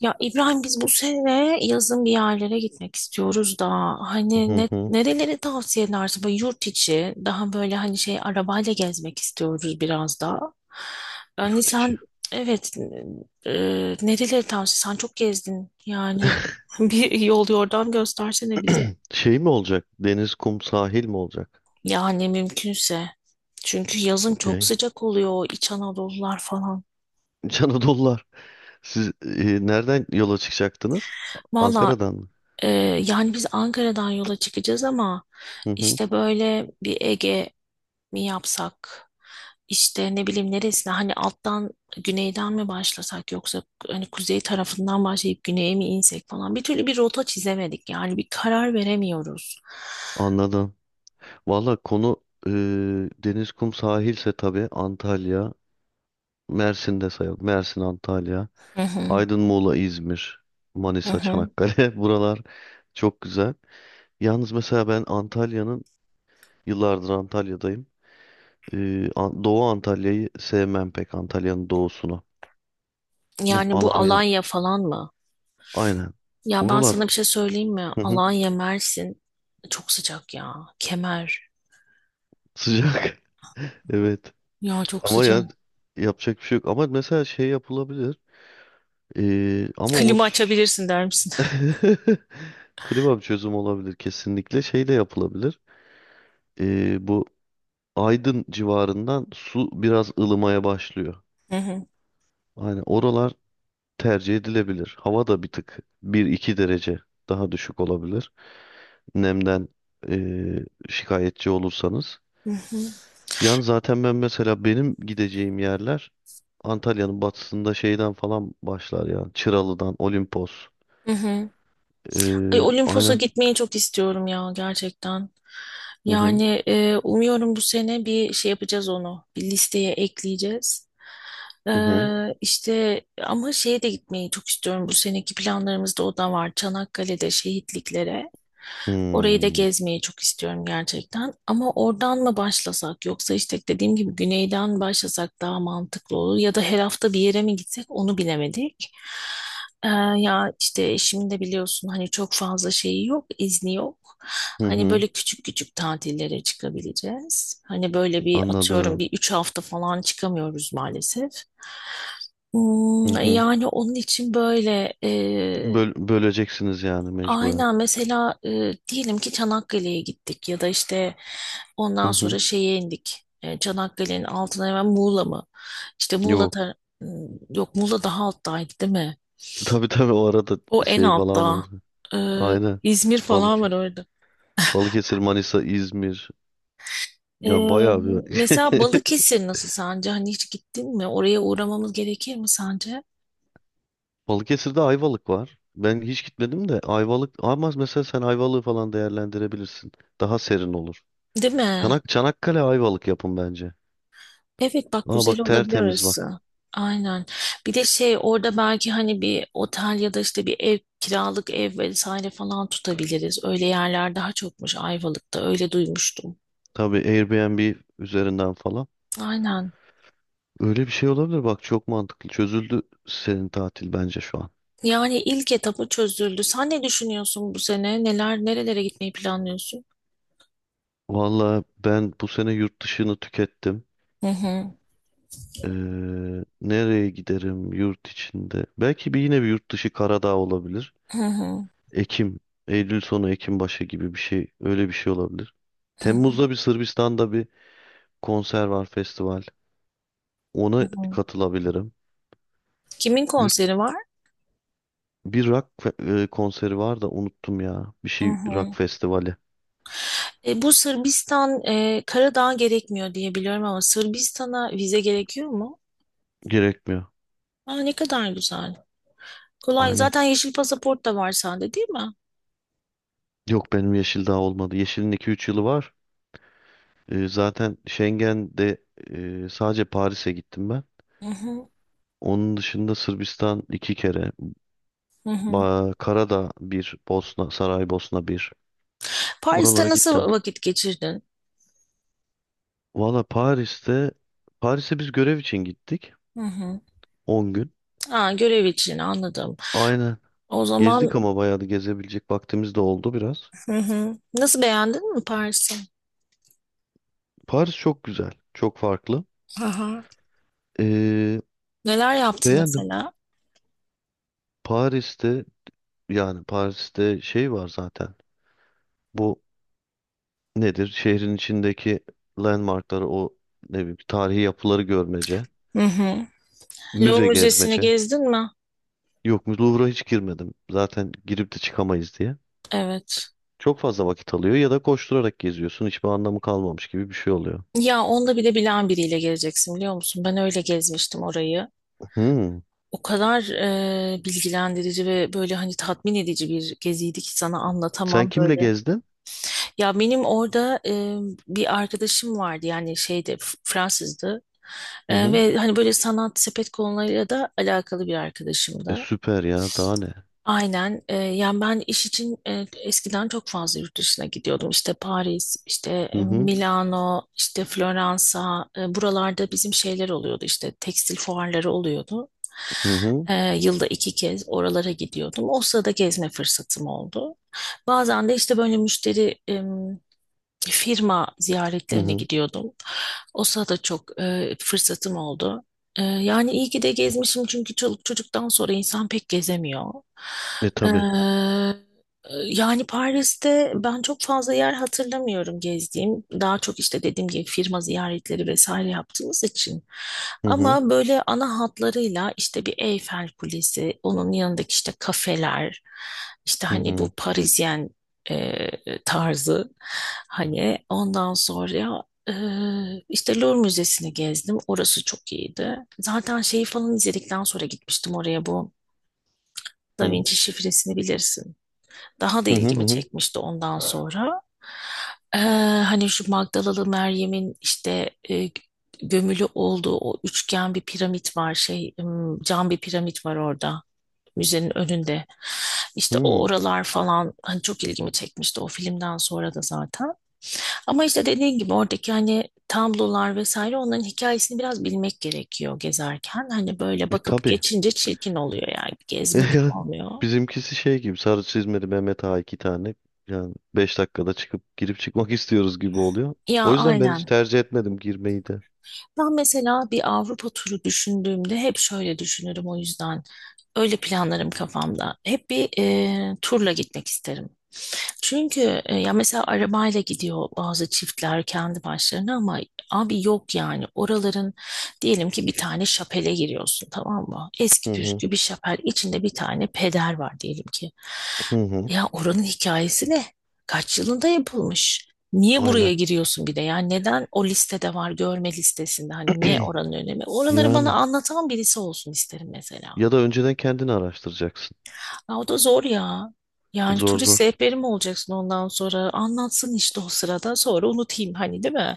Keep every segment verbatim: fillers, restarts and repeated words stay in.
Ya İbrahim biz bu sene yazın bir yerlere gitmek istiyoruz da hani Hı ne, hı. nereleri tavsiye edersin? Böyle yurt içi daha böyle hani şey arabayla gezmek istiyoruz biraz da. Yani Yurt içi. sen evet e, nereleri tavsiye sen çok gezdin yani bir yol yordam göstersene bize. Şey mi olacak? Deniz, kum, sahil mi olacak? Yani mümkünse çünkü yazın çok Okey. sıcak oluyor İç Anadolular falan. İç Anadolular. Siz e, nereden yola çıkacaktınız? Valla Ankara'dan mı? Ee, yani biz Ankara'dan yola çıkacağız ama Hı hı. işte böyle bir Ege mi yapsak? İşte ne bileyim neresine hani alttan güneyden mi başlasak yoksa hani kuzey tarafından başlayıp güneye mi insek falan bir türlü bir rota çizemedik yani bir karar veremiyoruz. Anladım. Valla konu e, deniz, kum, sahilse tabii Antalya, Mersin de sayalım. Mersin, Antalya, Hı hı, Aydın, Muğla, İzmir, hı Manisa, hı. Çanakkale. Buralar çok güzel. Yalnız mesela ben Antalya'nın, yıllardır Antalya'dayım. Ee, An- Doğu Antalya'yı sevmem pek Antalya'nın doğusunu. Ya Yani bu Alanya Alanya falan mı? aynen. Ya ben Oralar sana bir şey söyleyeyim mi? hı hı, Alanya, Mersin çok sıcak ya. Kemer. sıcak. Evet. Ya çok Ama sıcak. ya yapacak bir şey yok. Ama mesela şey yapılabilir. Ee, ama o s- Klima açabilirsin der misin? Kebap çözüm olabilir kesinlikle. Şey de yapılabilir. Ee, bu Aydın civarından su biraz ılımaya başlıyor. Hı hı. Aynen oralar tercih edilebilir. Hava da bir tık bir iki derece daha düşük olabilir. Nemden eee, şikayetçi olursanız. Hı hı. Yani zaten ben mesela benim gideceğim yerler Antalya'nın batısında şeyden falan başlar yani. Çıralı'dan, Olimpos. Hı hı. Ay, Eee Olimpos'a Aynen. gitmeyi çok istiyorum ya gerçekten. Hı hı. Yani e, umuyorum bu sene bir şey yapacağız onu. Bir listeye ekleyeceğiz. E, Hı hı. işte ama şeye de gitmeyi çok istiyorum. Bu seneki planlarımızda o da var. Çanakkale'de şehitliklere. Orayı da Hmm, gezmeyi çok istiyorum gerçekten. Ama oradan mı başlasak yoksa işte dediğim gibi güneyden başlasak daha mantıklı olur. Ya da her hafta bir yere mi gitsek onu bilemedik. Ee, ya işte eşimin de biliyorsun hani çok fazla şeyi yok, izni yok. hı Hani hı. böyle küçük küçük tatillere çıkabileceğiz. Hani böyle bir atıyorum Anladım. bir üç hafta falan çıkamıyoruz maalesef. Hı Hmm, hı. yani onun için böyle e, Böl- böleceksiniz yani mecburen. aynen mesela e, diyelim ki Çanakkale'ye gittik ya da işte Hı ondan hı. sonra şeye indik. E, Çanakkale'nin altına hemen Muğla mı? İşte Muğla Yok. tar- Hmm, yok Muğla daha alttaydı değil mi? Tabii tabii o arada O en şey falan var. altta. Ee, Aynen. İzmir falan var Balık. orada. Balıkesir, Manisa, İzmir. Ee, Yani bayağı bir. mesela Balıkesir nasıl sence? Hani hiç gittin mi? Oraya uğramamız gerekir mi sence? Balıkesir'de Ayvalık var. Ben hiç gitmedim de Ayvalık ama mesela sen Ayvalık'ı falan değerlendirebilirsin. Daha serin olur. Değil mi? Çanak, Çanakkale Ayvalık yapın bence. Evet bak Aa güzel bak olabilir tertemiz bak. orası. Aynen. Bir de şey orada belki hani bir otel ya da işte bir ev kiralık ev vesaire falan tutabiliriz. Öyle yerler daha çokmuş Ayvalık'ta. Öyle duymuştum. Tabii Airbnb üzerinden falan. Aynen. Öyle bir şey olabilir bak çok mantıklı. Çözüldü senin tatil bence şu an. Yani ilk etapı çözüldü. Sen ne düşünüyorsun bu sene? Neler nerelere gitmeyi planlıyorsun? Valla ben bu sene yurt dışını tükettim. Hı hı. Ee, Nereye giderim yurt içinde? Belki bir yine bir yurt dışı Karadağ olabilir. Hı hı. Ekim, Eylül sonu Ekim başı gibi bir şey öyle bir şey olabilir. Temmuz'da bir Sırbistan'da bir konser var, festival. Ona hı. katılabilirim. Kimin Yurt, konseri var? Bir rock fe- e, konseri var da unuttum ya. Bir Hı şey rock hı. festivali. E, bu Sırbistan, e, Karadağ gerekmiyor diye biliyorum ama Sırbistan'a vize gerekiyor mu? Gerekmiyor. Aa, ne kadar güzel. Kolay. Aynen. Zaten yeşil pasaport da var sende değil mi? Yok benim Yeşil daha olmadı. Yeşil'in iki üç yılı var. E, zaten Schengen'de e, sadece Paris'e gittim ben. Hı hı. Onun dışında Sırbistan iki kere. Hı hı. Ba Karadağ bir, Bosna, Saraybosna bir. Paris'te Oralara gittim. nasıl vakit geçirdin? Valla Paris'te, Paris'e biz görev için gittik. Hı hı. On gün. Aa, görev için anladım. Aynen. O Gezdik zaman ama bayağı da gezebilecek vaktimiz de oldu biraz. hı hı. Nasıl beğendin mi Paris'i? Paris çok güzel, çok farklı. Hı hı. Ee, Neler yaptın Beğendim. mesela? Paris'te yani Paris'te şey var zaten. Bu nedir? Şehrin içindeki landmarkları o ne bileyim tarihi yapıları görmece, Hı hı. Louvre müze Müzesi'ni gezmece. gezdin mi? Yok Louvre'a hiç girmedim. Zaten girip de çıkamayız diye. Evet. Çok fazla vakit alıyor ya da koşturarak geziyorsun. Hiçbir anlamı kalmamış gibi bir şey oluyor. Ya onda bile bilen biriyle geleceksin biliyor musun? Ben öyle gezmiştim orayı. Hmm. O kadar e, bilgilendirici ve böyle hani tatmin edici bir geziydi ki sana Sen anlatamam kimle böyle. gezdin? Ya benim orada e, bir arkadaşım vardı yani şeyde F- Fransızdı. Hı E, hı. ve hani böyle sanat sepet konularıyla da alakalı bir E, arkadaşımdı. süper ya daha ne? Aynen. Ee, yani ben iş için e, eskiden çok fazla yurt dışına gidiyordum. İşte Paris, işte Hı e, hı. Milano, işte Floransa. E, buralarda bizim şeyler oluyordu. İşte tekstil fuarları oluyordu. Hı hı. Ee, yılda iki kez oralara gidiyordum. O sırada gezme fırsatım oldu. Bazen de işte böyle müşteri firma Hı ziyaretlerine hı. gidiyordum. O sırada çok e, fırsatım oldu. E, yani iyi ki de gezmişim çünkü çoluk çocuktan sonra insan pek gezemiyor. E E, tabii. yani Paris'te ben çok fazla yer hatırlamıyorum gezdiğim. Daha çok işte dediğim gibi firma ziyaretleri vesaire yaptığımız için. Hı hı. Ama böyle ana hatlarıyla işte bir Eyfel Kulesi, onun yanındaki işte kafeler, işte Hı hani bu hı. Parisyen e, tarzı hani ondan sonra e, işte Louvre Müzesi'ni gezdim orası çok iyiydi zaten şeyi falan izledikten sonra gitmiştim oraya bu Hı Da hı. Vinci şifresini bilirsin daha da Hı ilgimi hı. çekmişti ondan sonra E, hani şu Magdalalı Meryem'in işte e, gömülü olduğu o üçgen bir piramit var şey m, cam bir piramit var orada müzenin önünde. İşte o Hı. oralar falan hani çok ilgimi çekmişti o filmden sonra da zaten. Ama işte dediğin gibi oradaki hani tablolar vesaire onların hikayesini biraz bilmek gerekiyor gezerken. Hani böyle E bakıp tabii. geçince çirkin oluyor yani gezmek Yani oluyor. bizimkisi şey gibi sarı çizmeli Mehmet Ağa iki tane. Yani beş dakikada çıkıp girip çıkmak istiyoruz gibi oluyor. Ya O yüzden ben hiç aynen. tercih etmedim girmeyi de. Ben mesela bir Avrupa turu düşündüğümde hep şöyle düşünürüm o yüzden. Öyle planlarım kafamda. Hep bir e, turla gitmek isterim. Çünkü e, ya mesela arabayla gidiyor bazı çiftler kendi başlarına ama abi yok yani oraların diyelim ki bir tane şapele giriyorsun tamam mı? Eski Hı hı. püskü bir şapel içinde bir tane peder var diyelim ki. Hı hı. Ya oranın hikayesi ne? Kaç yılında yapılmış? Niye Aynen. buraya giriyorsun bir de? Yani neden o listede var görme listesinde? Hani ne oranın önemi? Oraları bana Yani anlatan birisi olsun isterim mesela. ya da önceden kendini araştıracaksın. Ya o da zor ya. Yani Zor turist zor. rehberi mi olacaksın ondan sonra? Anlatsın işte o sırada sonra unutayım hani değil mi?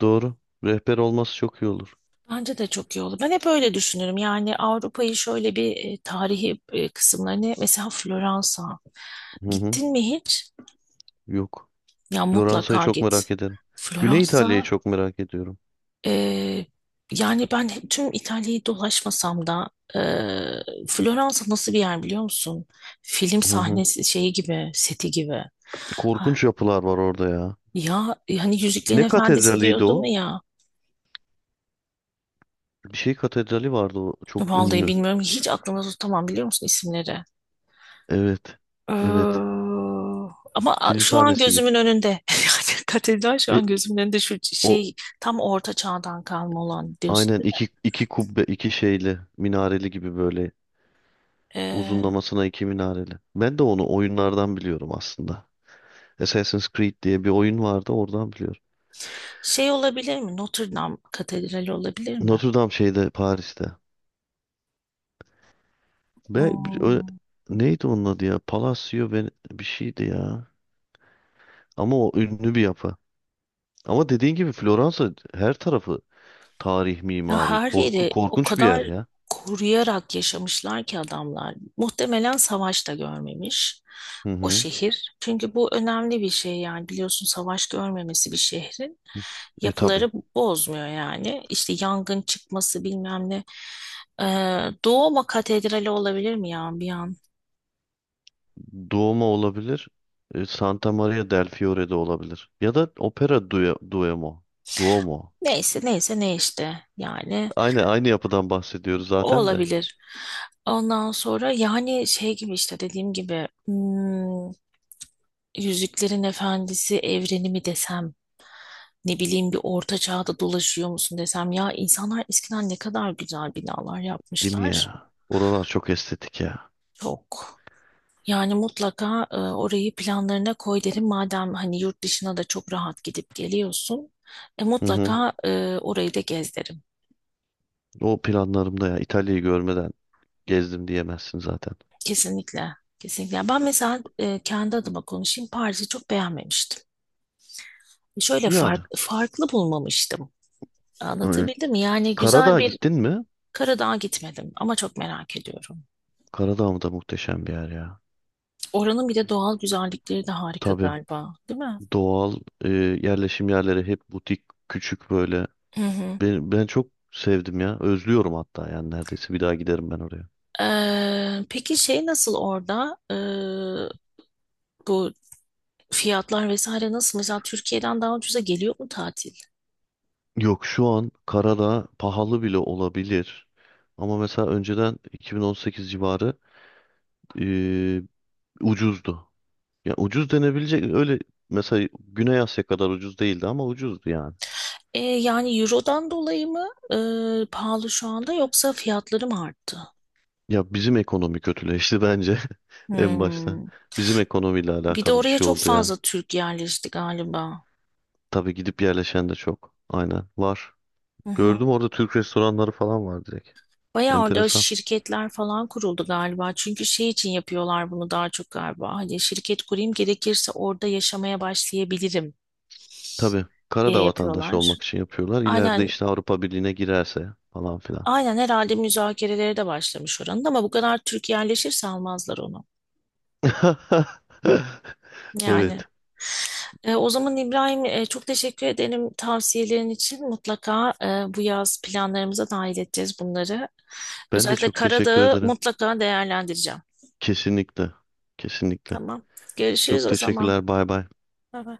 Doğru. Rehber olması çok iyi olur. Bence de çok iyi olur. Ben hep öyle düşünürüm. Yani Avrupa'yı şöyle bir e, tarihi e, kısımlarını mesela Floransa. Hı hı. Gittin mi hiç? Yok. Ya Floransa'yı mutlaka çok git. merak ederim. Güney Floransa İtalya'yı çok merak ediyorum. e, yani ben tüm İtalya'yı dolaşmasam da e, Floransa nasıl bir yer biliyor musun? Film Hı hı. sahnesi şeyi gibi, seti gibi. Korkunç yapılar var orada ya. Ya e, hani Yüzüklerin Ne Efendisi katedraliydi diyordun o? ya. Bir şey katedrali vardı o çok Vallahi ünlü. bilmiyorum. Hiç aklımda tutamam biliyor musun isimleri? Evet. Evet. Ee, ama a- Film şu an sahnesi gibi. gözümün önünde. Yani katedral şu E, an gözümün önünde şu O şey tam orta çağdan kalma olan diyorsun. aynen iki iki kubbe iki şeyli minareli gibi böyle Ee, uzunlamasına iki minareli. Ben de onu oyunlardan biliyorum aslında. Assassin's Creed diye bir oyun vardı oradan biliyorum. şey olabilir mi? Notre Dame Katedrali olabilir mi? Notre Dame şeyde Paris'te. Ve bir- ö- Hmm. neydi onun adı ya? Palacio ve bir şeydi ya. Ama o ünlü bir yapı. Ama dediğin gibi Floransa her tarafı tarih, Ya mimari, her korku yeri o korkunç bir yer kadar ya. koruyarak yaşamışlar ki adamlar. Muhtemelen savaş da görmemiş Hı o hı. şehir. Çünkü bu önemli bir şey yani biliyorsun savaş görmemesi bir şehrin E tabii. yapıları bozmuyor yani. İşte yangın çıkması bilmem ne. Ee, Doğuma Katedrali olabilir mi ya bir an? Duomo olabilir. E, Santa Maria del Fiore'de olabilir. Ya da Opera Due Duomo. Duomo. Neyse neyse ne işte yani Aynı aynı yapıdan bahsediyoruz o zaten de. olabilir. Ondan sonra yani şey gibi işte dediğim gibi hmm, Yüzüklerin Efendisi evreni mi desem, ne bileyim bir orta çağda dolaşıyor musun desem ya insanlar eskiden ne kadar güzel binalar Değil mi yapmışlar. ya? Oralar çok estetik ya. Çok. Yani mutlaka e, orayı planlarına koy derim madem hani yurt dışına da çok rahat gidip geliyorsun. E, Hı hı. mutlaka e, orayı da gez derim. O planlarımda ya. İtalya'yı görmeden gezdim diyemezsin zaten. Kesinlikle. Kesinlikle. Ben mesela e, kendi adıma konuşayım Paris'i çok beğenmemiştim. Şöyle Yani. fark, farklı bulmamıştım. Aynen. Anlatabildim mi? Yani güzel Karadağ'a bir gittin mi? Karadağ'a gitmedim ama çok merak ediyorum. Karadağ mı da muhteşem bir yer ya. Oranın bir de doğal güzellikleri de harika Tabii. galiba, değil mi? Doğal e, yerleşim yerleri hep butik, küçük böyle. Hı hı. Ben, ben çok sevdim ya. Özlüyorum hatta yani neredeyse bir daha giderim ben oraya. Ee, peki şey nasıl orada? Ee, bu fiyatlar vesaire nasıl? Mesela Türkiye'den daha ucuza geliyor mu tatil? Yok şu an Karadağ pahalı bile olabilir. Ama mesela önceden iki bin on sekiz civarı eee, ucuzdu. Ya ucuz denebilecek öyle mesela Güney Asya kadar ucuz değildi ama ucuzdu yani. Ee, yani Euro'dan dolayı mı ee, pahalı şu anda yoksa fiyatları mı arttı? Ya bizim ekonomi kötüleşti bence en başta. Hmm. Bizim ekonomiyle Bir de alakalı bir oraya şey çok oldu ya. fazla Türk yerleşti galiba. Tabii gidip yerleşen de çok. Aynen var. Hı hı. Gördüm orada Türk restoranları falan var direkt. Bayağı orada Enteresan. şirketler falan kuruldu galiba. Çünkü şey için yapıyorlar bunu daha çok galiba. Hani şirket kurayım gerekirse orada yaşamaya başlayabilirim Tabii diye Karadağ vatandaşı yapıyorlar. olmak için yapıyorlar. İleride Aynen, işte Avrupa Birliği'ne girerse falan filan. aynen herhalde müzakerelere de başlamış oranın ama bu kadar Türk yerleşirse almazlar onu. Yani Evet. e, o zaman İbrahim e, çok teşekkür ederim tavsiyelerin için. Mutlaka e, bu yaz planlarımıza dahil edeceğiz bunları. Ben de Özellikle çok teşekkür Karadağ'ı ederim. mutlaka değerlendireceğim. Kesinlikle. Kesinlikle. Tamam. Görüşürüz Çok o zaman. teşekkürler. Bay bay. Bye bye.